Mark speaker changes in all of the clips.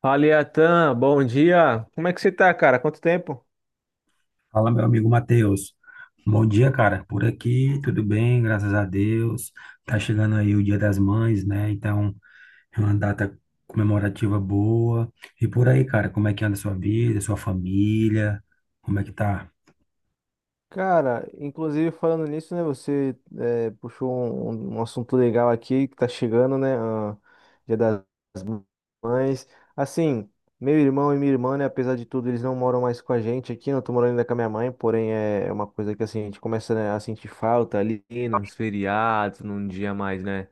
Speaker 1: Fala, Iatan, bom dia. Como é que você tá, cara? Quanto tempo?
Speaker 2: Fala, meu amigo Matheus. Bom dia, cara. Por aqui, tudo bem, graças a Deus. Tá chegando aí o Dia das Mães, né? Então, é uma data comemorativa boa. E por aí, cara, como é que anda a sua vida, sua família? Como é que tá?
Speaker 1: Cara, inclusive falando nisso, né? Você puxou um assunto legal aqui que tá chegando, né? Ah, Dia das Mães. Assim, meu irmão e minha irmã, né? Apesar de tudo, eles não moram mais com a gente aqui. Não tô morando ainda com a minha mãe, porém é uma coisa que assim a gente começa, né, a sentir falta ali nos feriados, num dia mais, né,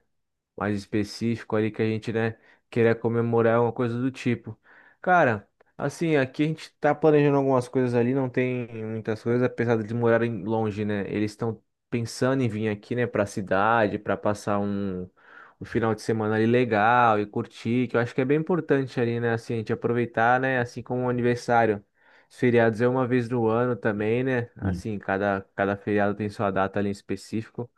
Speaker 1: mais específico ali que a gente, né, queira comemorar alguma coisa do tipo. Cara, assim, aqui a gente tá planejando algumas coisas ali, não tem muitas coisas, apesar de eles morarem longe, né? Eles estão pensando em vir aqui, né, pra cidade, pra passar um final de semana ali legal e curtir, que eu acho que é bem importante ali, né, assim, a gente aproveitar, né, assim como o aniversário. Os feriados é uma vez no ano também, né?
Speaker 2: Hum.
Speaker 1: Assim, cada feriado tem sua data ali em específico.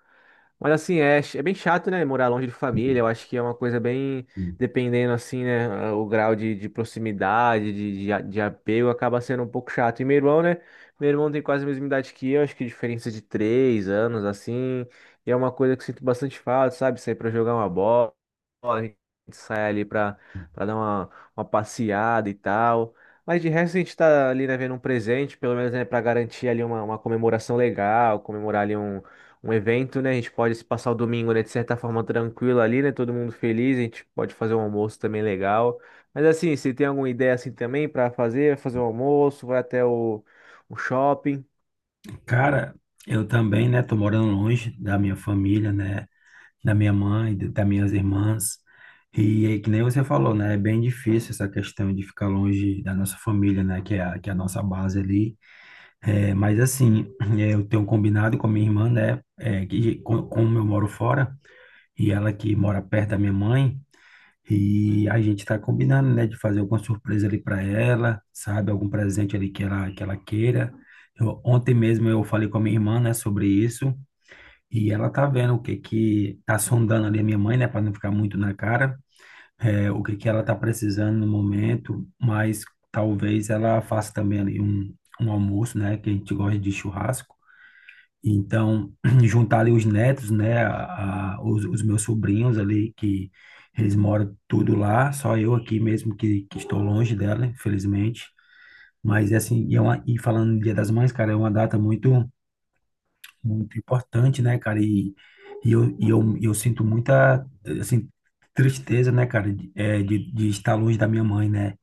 Speaker 1: Mas assim, é bem chato, né? Morar longe de família. Eu acho que é uma coisa bem,
Speaker 2: Hum.
Speaker 1: dependendo assim, né. O grau de proximidade, de apego, acaba sendo um pouco chato. E meu irmão, né? Meu irmão tem quase a mesma idade que eu, acho que diferença de 3 anos, assim. E é uma coisa que eu sinto bastante falta, sabe? Sair pra jogar uma bola, a gente sai ali pra dar uma passeada e tal. Mas de resto a gente tá ali, né, vendo um presente, pelo menos, né, pra garantir ali uma comemoração legal, comemorar ali um evento, né? A gente pode se passar o domingo, né, de certa forma tranquilo ali, né? Todo mundo feliz, a gente pode fazer um almoço também legal. Mas assim, se tem alguma ideia assim também para fazer um almoço, vai até o shopping.
Speaker 2: Cara, eu também, né? Tô morando longe da minha família, né? Da minha mãe, das minhas irmãs. E aí, que nem você falou, né? É bem difícil essa questão de ficar longe da nossa família, né? Que é a nossa base ali. É, mas assim, é, eu tenho combinado com a minha irmã, né? É, como eu moro fora e ela que mora perto da minha mãe, e a gente tá combinando, né, de fazer alguma surpresa ali para ela, sabe? Algum presente ali que ela queira. Ontem mesmo eu falei com a minha irmã, né, sobre isso, e ela tá vendo o que que tá sondando ali a minha mãe, né, para não ficar muito na cara, é, o que que ela tá precisando no momento, mas talvez ela faça também ali um almoço, né, que a gente gosta de churrasco. Então, juntar ali os netos, né, os meus sobrinhos ali, que eles moram tudo lá, só eu aqui mesmo que estou longe dela, infelizmente. Mas, assim, e falando no Dia das Mães, cara, é uma data muito importante, né, cara? E eu sinto muita, assim, tristeza, né, cara, de estar longe da minha mãe, né?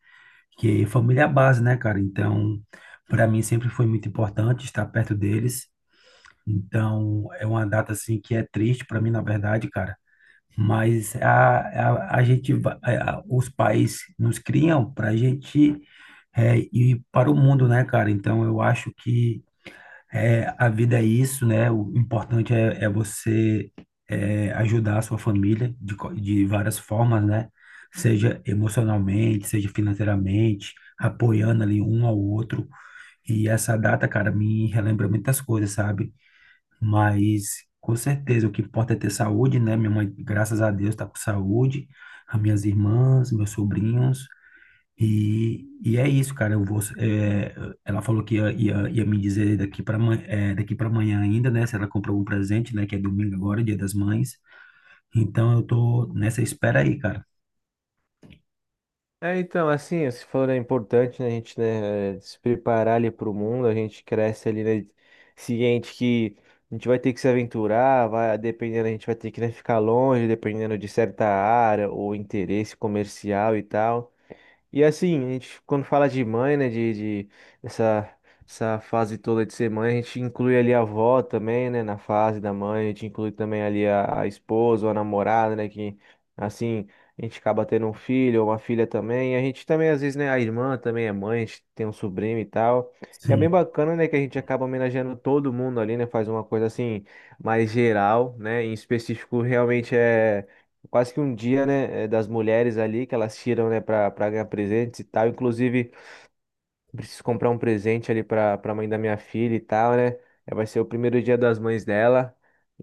Speaker 2: Que família é a base, né, cara? Então, para mim sempre foi muito importante estar perto deles. Então, é uma data assim que é triste para mim, na verdade, cara. Mas a, a gente, os pais nos criam para a gente ir para o mundo, né, cara? Então, eu acho que a vida é isso, né? É você ajudar a sua família de várias formas, né? Seja emocionalmente, seja financeiramente, apoiando ali um ao outro. E essa data, cara, me relembra muitas coisas, sabe? Mas com certeza o que importa é ter saúde, né? Minha mãe, graças a Deus, está com saúde, as minhas irmãs, meus sobrinhos. E é isso, cara. Eu vou, é, ela falou que ia me dizer daqui para é, daqui para amanhã ainda, né? Se ela comprou algum presente, né? Que é domingo agora, Dia das Mães. Então eu tô nessa espera aí, cara.
Speaker 1: É, então, assim, você falou, é importante, né, a gente, né, se preparar ali para o mundo, a gente cresce ali, né, ciente que a gente vai ter que se aventurar, vai, dependendo, a gente vai ter que, né, ficar longe, dependendo de certa área ou interesse comercial e tal. E assim, a gente, quando fala de mãe, né, de essa, essa fase toda de ser mãe, a gente inclui ali a avó também, né, na fase da mãe, a gente inclui também ali a esposa ou a namorada, né, que assim, a gente acaba tendo um filho ou uma filha também, e a gente também, às vezes, né, a irmã também é mãe, a gente tem um sobrinho e tal, e é
Speaker 2: Sim,
Speaker 1: bem bacana, né, que a gente acaba homenageando todo mundo ali, né, faz uma coisa assim, mais geral, né, em específico realmente é quase que um dia, né, das mulheres ali que elas tiram, né, para ganhar presentes e tal. Inclusive, preciso comprar um presente ali pra mãe da minha filha e tal, né? É, vai ser o primeiro Dia das Mães dela.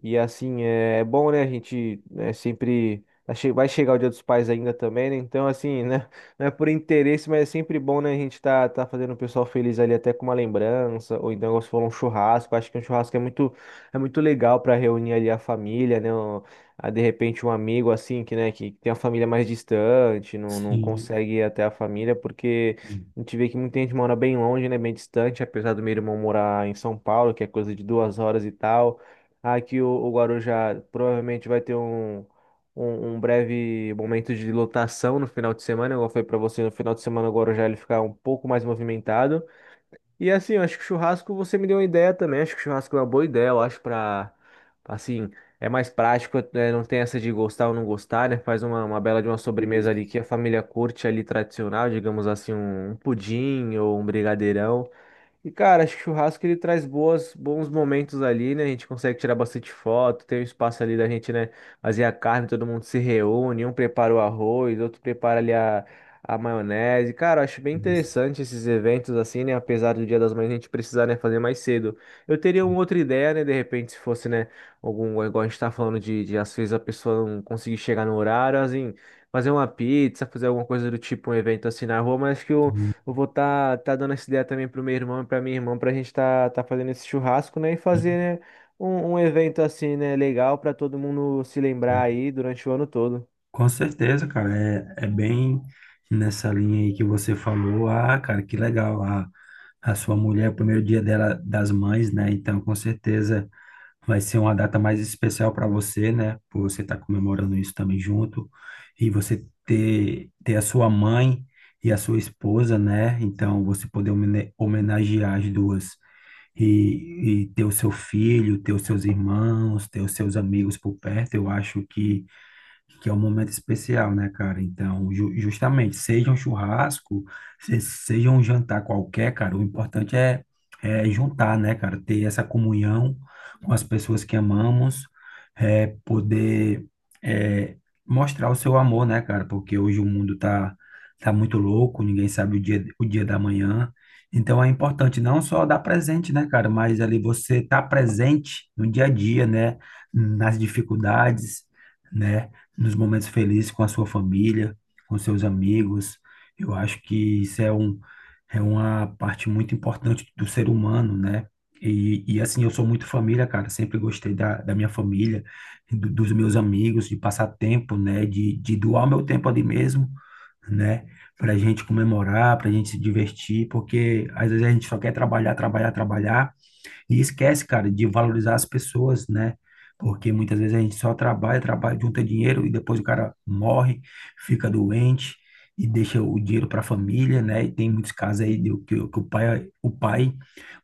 Speaker 1: E assim, é, é bom, né? A gente, né, sempre vai chegar o Dia dos Pais ainda também, né? Então, assim, né? Não é por interesse, mas é sempre bom, né? A gente tá fazendo o pessoal feliz ali até com uma lembrança. Ou então, igual você falou, um churrasco. Acho que um churrasco é muito legal pra reunir ali a família, né? Ah, de repente, um amigo assim, que, né, que tem a família mais distante, não, não
Speaker 2: sim.
Speaker 1: consegue ir até a família, porque. A gente vê que muita gente mora bem longe, né? Bem distante, apesar do meu irmão morar em São Paulo, que é coisa de 2 horas e tal. Aqui o Guarujá provavelmente vai ter um breve momento de lotação no final de semana, igual foi para você. No final de semana o Guarujá ele fica um pouco mais movimentado. E assim, eu acho que churrasco você me deu uma ideia também. Acho que churrasco é uma boa ideia, eu acho, pra. Assim, é mais prático, né? Não tem essa de gostar ou não gostar, né? Faz uma bela de uma sobremesa
Speaker 2: Isso,
Speaker 1: ali que a família curte ali tradicional, digamos assim, um pudim ou um brigadeirão. E, cara, acho que churrasco ele traz bons momentos ali, né? A gente consegue tirar bastante foto, tem um espaço ali da gente, né? Fazer a carne, todo mundo se reúne, um prepara o arroz, outro prepara ali a maionese. Cara, eu acho bem
Speaker 2: isso,
Speaker 1: interessante esses eventos assim, né? Apesar do Dia das Mães a gente precisar, né, fazer mais cedo. Eu teria uma outra ideia, né? De repente, se fosse, né, algum, igual a gente tá falando de às vezes a pessoa não conseguir chegar no horário, assim, fazer uma pizza, fazer alguma coisa do tipo, um evento assim na rua, mas acho que o
Speaker 2: sim,
Speaker 1: eu vou tá dando essa ideia também pro meu irmão e pra minha irmã, pra gente tá fazendo esse churrasco, né? E
Speaker 2: sim.
Speaker 1: fazer, né, um evento assim, né, legal pra todo mundo se lembrar aí durante o ano todo.
Speaker 2: Com certeza, cara, é bem nessa linha aí que você falou. Ah, cara, que legal. A a sua mulher, o primeiro dia dela das mães, né? Então, com certeza vai ser uma data mais especial para você, né? Por você estar comemorando isso também junto e você ter a sua mãe e a sua esposa, né? Então, você poder homenagear as duas e ter o seu filho, ter os seus irmãos, ter os seus amigos por perto. Eu acho que é um momento especial, né, cara? Então, justamente, seja um churrasco, seja um jantar qualquer, cara, é juntar, né, cara? Ter essa comunhão com as pessoas que amamos, é, poder é, mostrar o seu amor, né, cara? Porque hoje o mundo tá muito louco, ninguém sabe o dia da manhã. Então, é importante não só dar presente, né, cara? Mas ali você tá presente no dia a dia, né? Nas dificuldades, né? Nos momentos felizes com a sua família, com seus amigos. Eu acho que isso é uma parte muito importante do ser humano, né? E assim, eu sou muito família, cara. Sempre gostei da minha família, dos meus amigos, de passar tempo, né? De doar meu tempo ali mesmo, né? Pra gente comemorar, pra gente se divertir, porque às vezes a gente só quer trabalhar, trabalhar, trabalhar. E esquece, cara, de valorizar as pessoas, né? Porque muitas vezes a gente só trabalha, trabalha, junta dinheiro e depois o cara morre, fica doente e deixa o dinheiro para a família, né? E tem muitos casos aí que o pai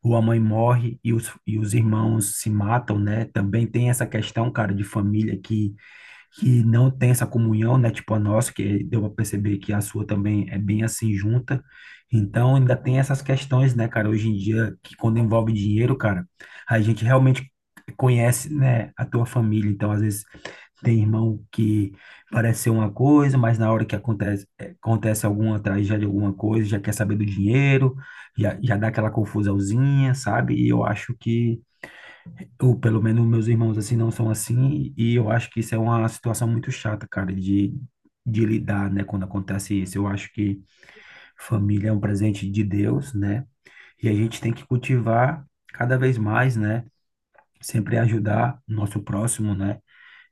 Speaker 2: ou a mãe morre e os irmãos se matam, né? Também tem essa questão, cara, de família que não tem essa comunhão, né? Tipo a nossa, que deu para perceber que a sua também é bem assim junta. Então ainda tem essas questões, né, cara? Hoje em dia, que quando envolve dinheiro, cara, a gente realmente conhece, né, a tua família. Então às vezes tem irmão que parece ser uma coisa, mas na hora que acontece, acontece alguma tragédia, alguma coisa, já quer saber do dinheiro, já dá aquela confusãozinha, sabe? E eu acho que ou pelo menos meus irmãos assim não são assim, e eu acho que isso é uma situação muito chata, cara, de lidar, né, quando acontece isso. Eu acho que família é um presente de Deus, né, e a gente tem que cultivar cada vez mais, né, sempre ajudar o nosso próximo, né,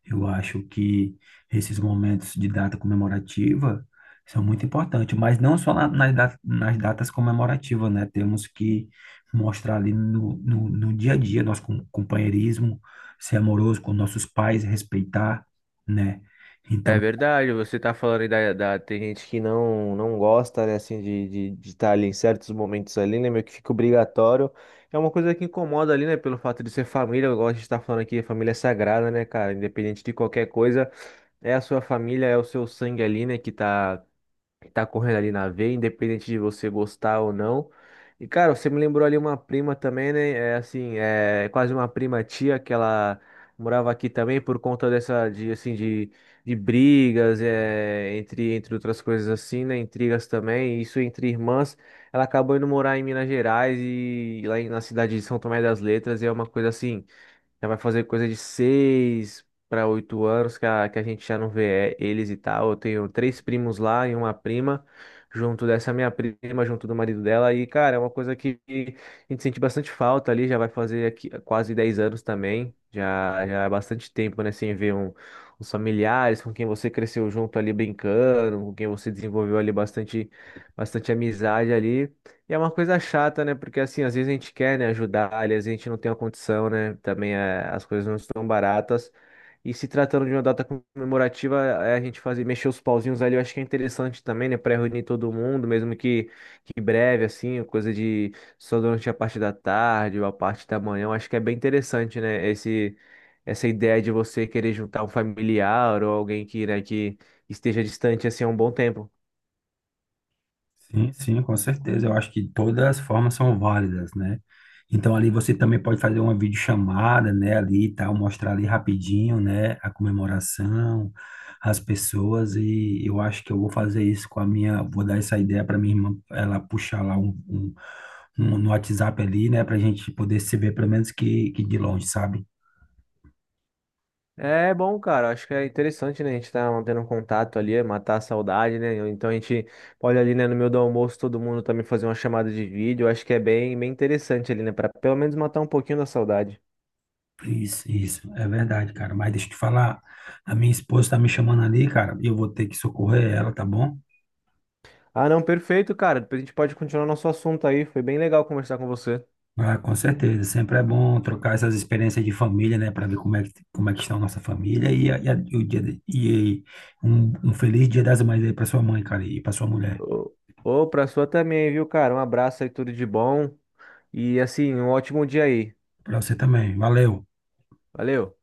Speaker 2: eu acho que esses momentos de data comemorativa são muito importantes, mas não só nas datas comemorativas, né? Temos que mostrar ali no dia a dia nosso companheirismo, ser amoroso com nossos pais, respeitar, né?
Speaker 1: É
Speaker 2: Então,
Speaker 1: verdade, você tá falando aí tem gente que não gosta, né, assim, de estar ali em certos momentos ali, né, meio que fica obrigatório. É uma coisa que incomoda ali, né, pelo fato de ser família, igual a gente tá falando aqui, família é sagrada, né, cara, independente de qualquer coisa, é a sua família, é o seu sangue ali, né, que tá correndo ali na veia, independente de você gostar ou não. E, cara, você me lembrou ali uma prima também, né? É assim, é quase uma prima tia que ela morava aqui também por conta dessa, assim, de brigas, entre, outras coisas assim, né? Intrigas também, isso entre irmãs. Ela acabou indo morar em Minas Gerais e lá na cidade de São Tomé das Letras, e é uma coisa assim já vai fazer coisa de 6 para 8 anos que a gente já não vê eles e tal. Eu tenho três primos lá e uma prima, junto dessa minha prima, junto do marido dela. E, cara, é uma coisa que a gente sente bastante falta ali. Já vai fazer aqui quase 10 anos também. Já, já é bastante tempo, né? Sem ver os familiares com quem você cresceu junto ali brincando, com quem você desenvolveu ali bastante amizade ali. E é uma coisa chata, né? Porque assim, às vezes a gente quer, né, ajudar, aliás, a gente não tem a condição, né? Também é, as coisas não estão baratas. E se tratando de uma data como essa, a gente mexer os pauzinhos, eu acho que é interessante, né, reunir todo mundo que em breve, precisa de só a parte da tarde, ou a parte da manhã. Eu acho que é bem interessante, né? Essa ideia de você ter um familiar ou alguém que, né, que esteja distante assim há um bom tempo.
Speaker 2: sim, sim, com certeza. Eu acho que todas as formas são válidas, né? Então ali você também pode fazer uma videochamada, né, ali e tal, mostrar ali rapidinho, né, a comemoração, as pessoas e eu acho que eu vou fazer isso com a minha, vou dar essa ideia para minha irmã, ela puxar lá um no WhatsApp ali, né, pra gente poder se ver pelo menos que de longe, sabe?
Speaker 1: É bom, cara. Acho que é interessante, né? A gente tá mantendo um contato ali, é matar a saudade, né? Ou então a gente olha ali, né, no meio do almoço, todo mundo também fazer uma chamada de vídeo. Acho que é bem interessante ali, né? Pra pelo menos matar um pouquinho da saudade.
Speaker 2: Isso, é verdade, cara. Mas deixa eu te falar, a minha esposa tá me chamando ali, cara, e eu vou ter que socorrer ela, tá bom?
Speaker 1: Ah, não, perfeito, cara. Depois a gente pode continuar nosso assunto aí. Foi bem legal conversar com você.
Speaker 2: Ah, com certeza, sempre é bom trocar essas experiências de família, né, para ver como é que está a nossa família e um feliz Dia das Mães aí para sua mãe, cara, e para sua mulher,
Speaker 1: Ô, ô, pra sua também, viu, cara? Um abraço aí, tudo de bom. E assim, um ótimo dia aí.
Speaker 2: para você também. Valeu.
Speaker 1: Valeu.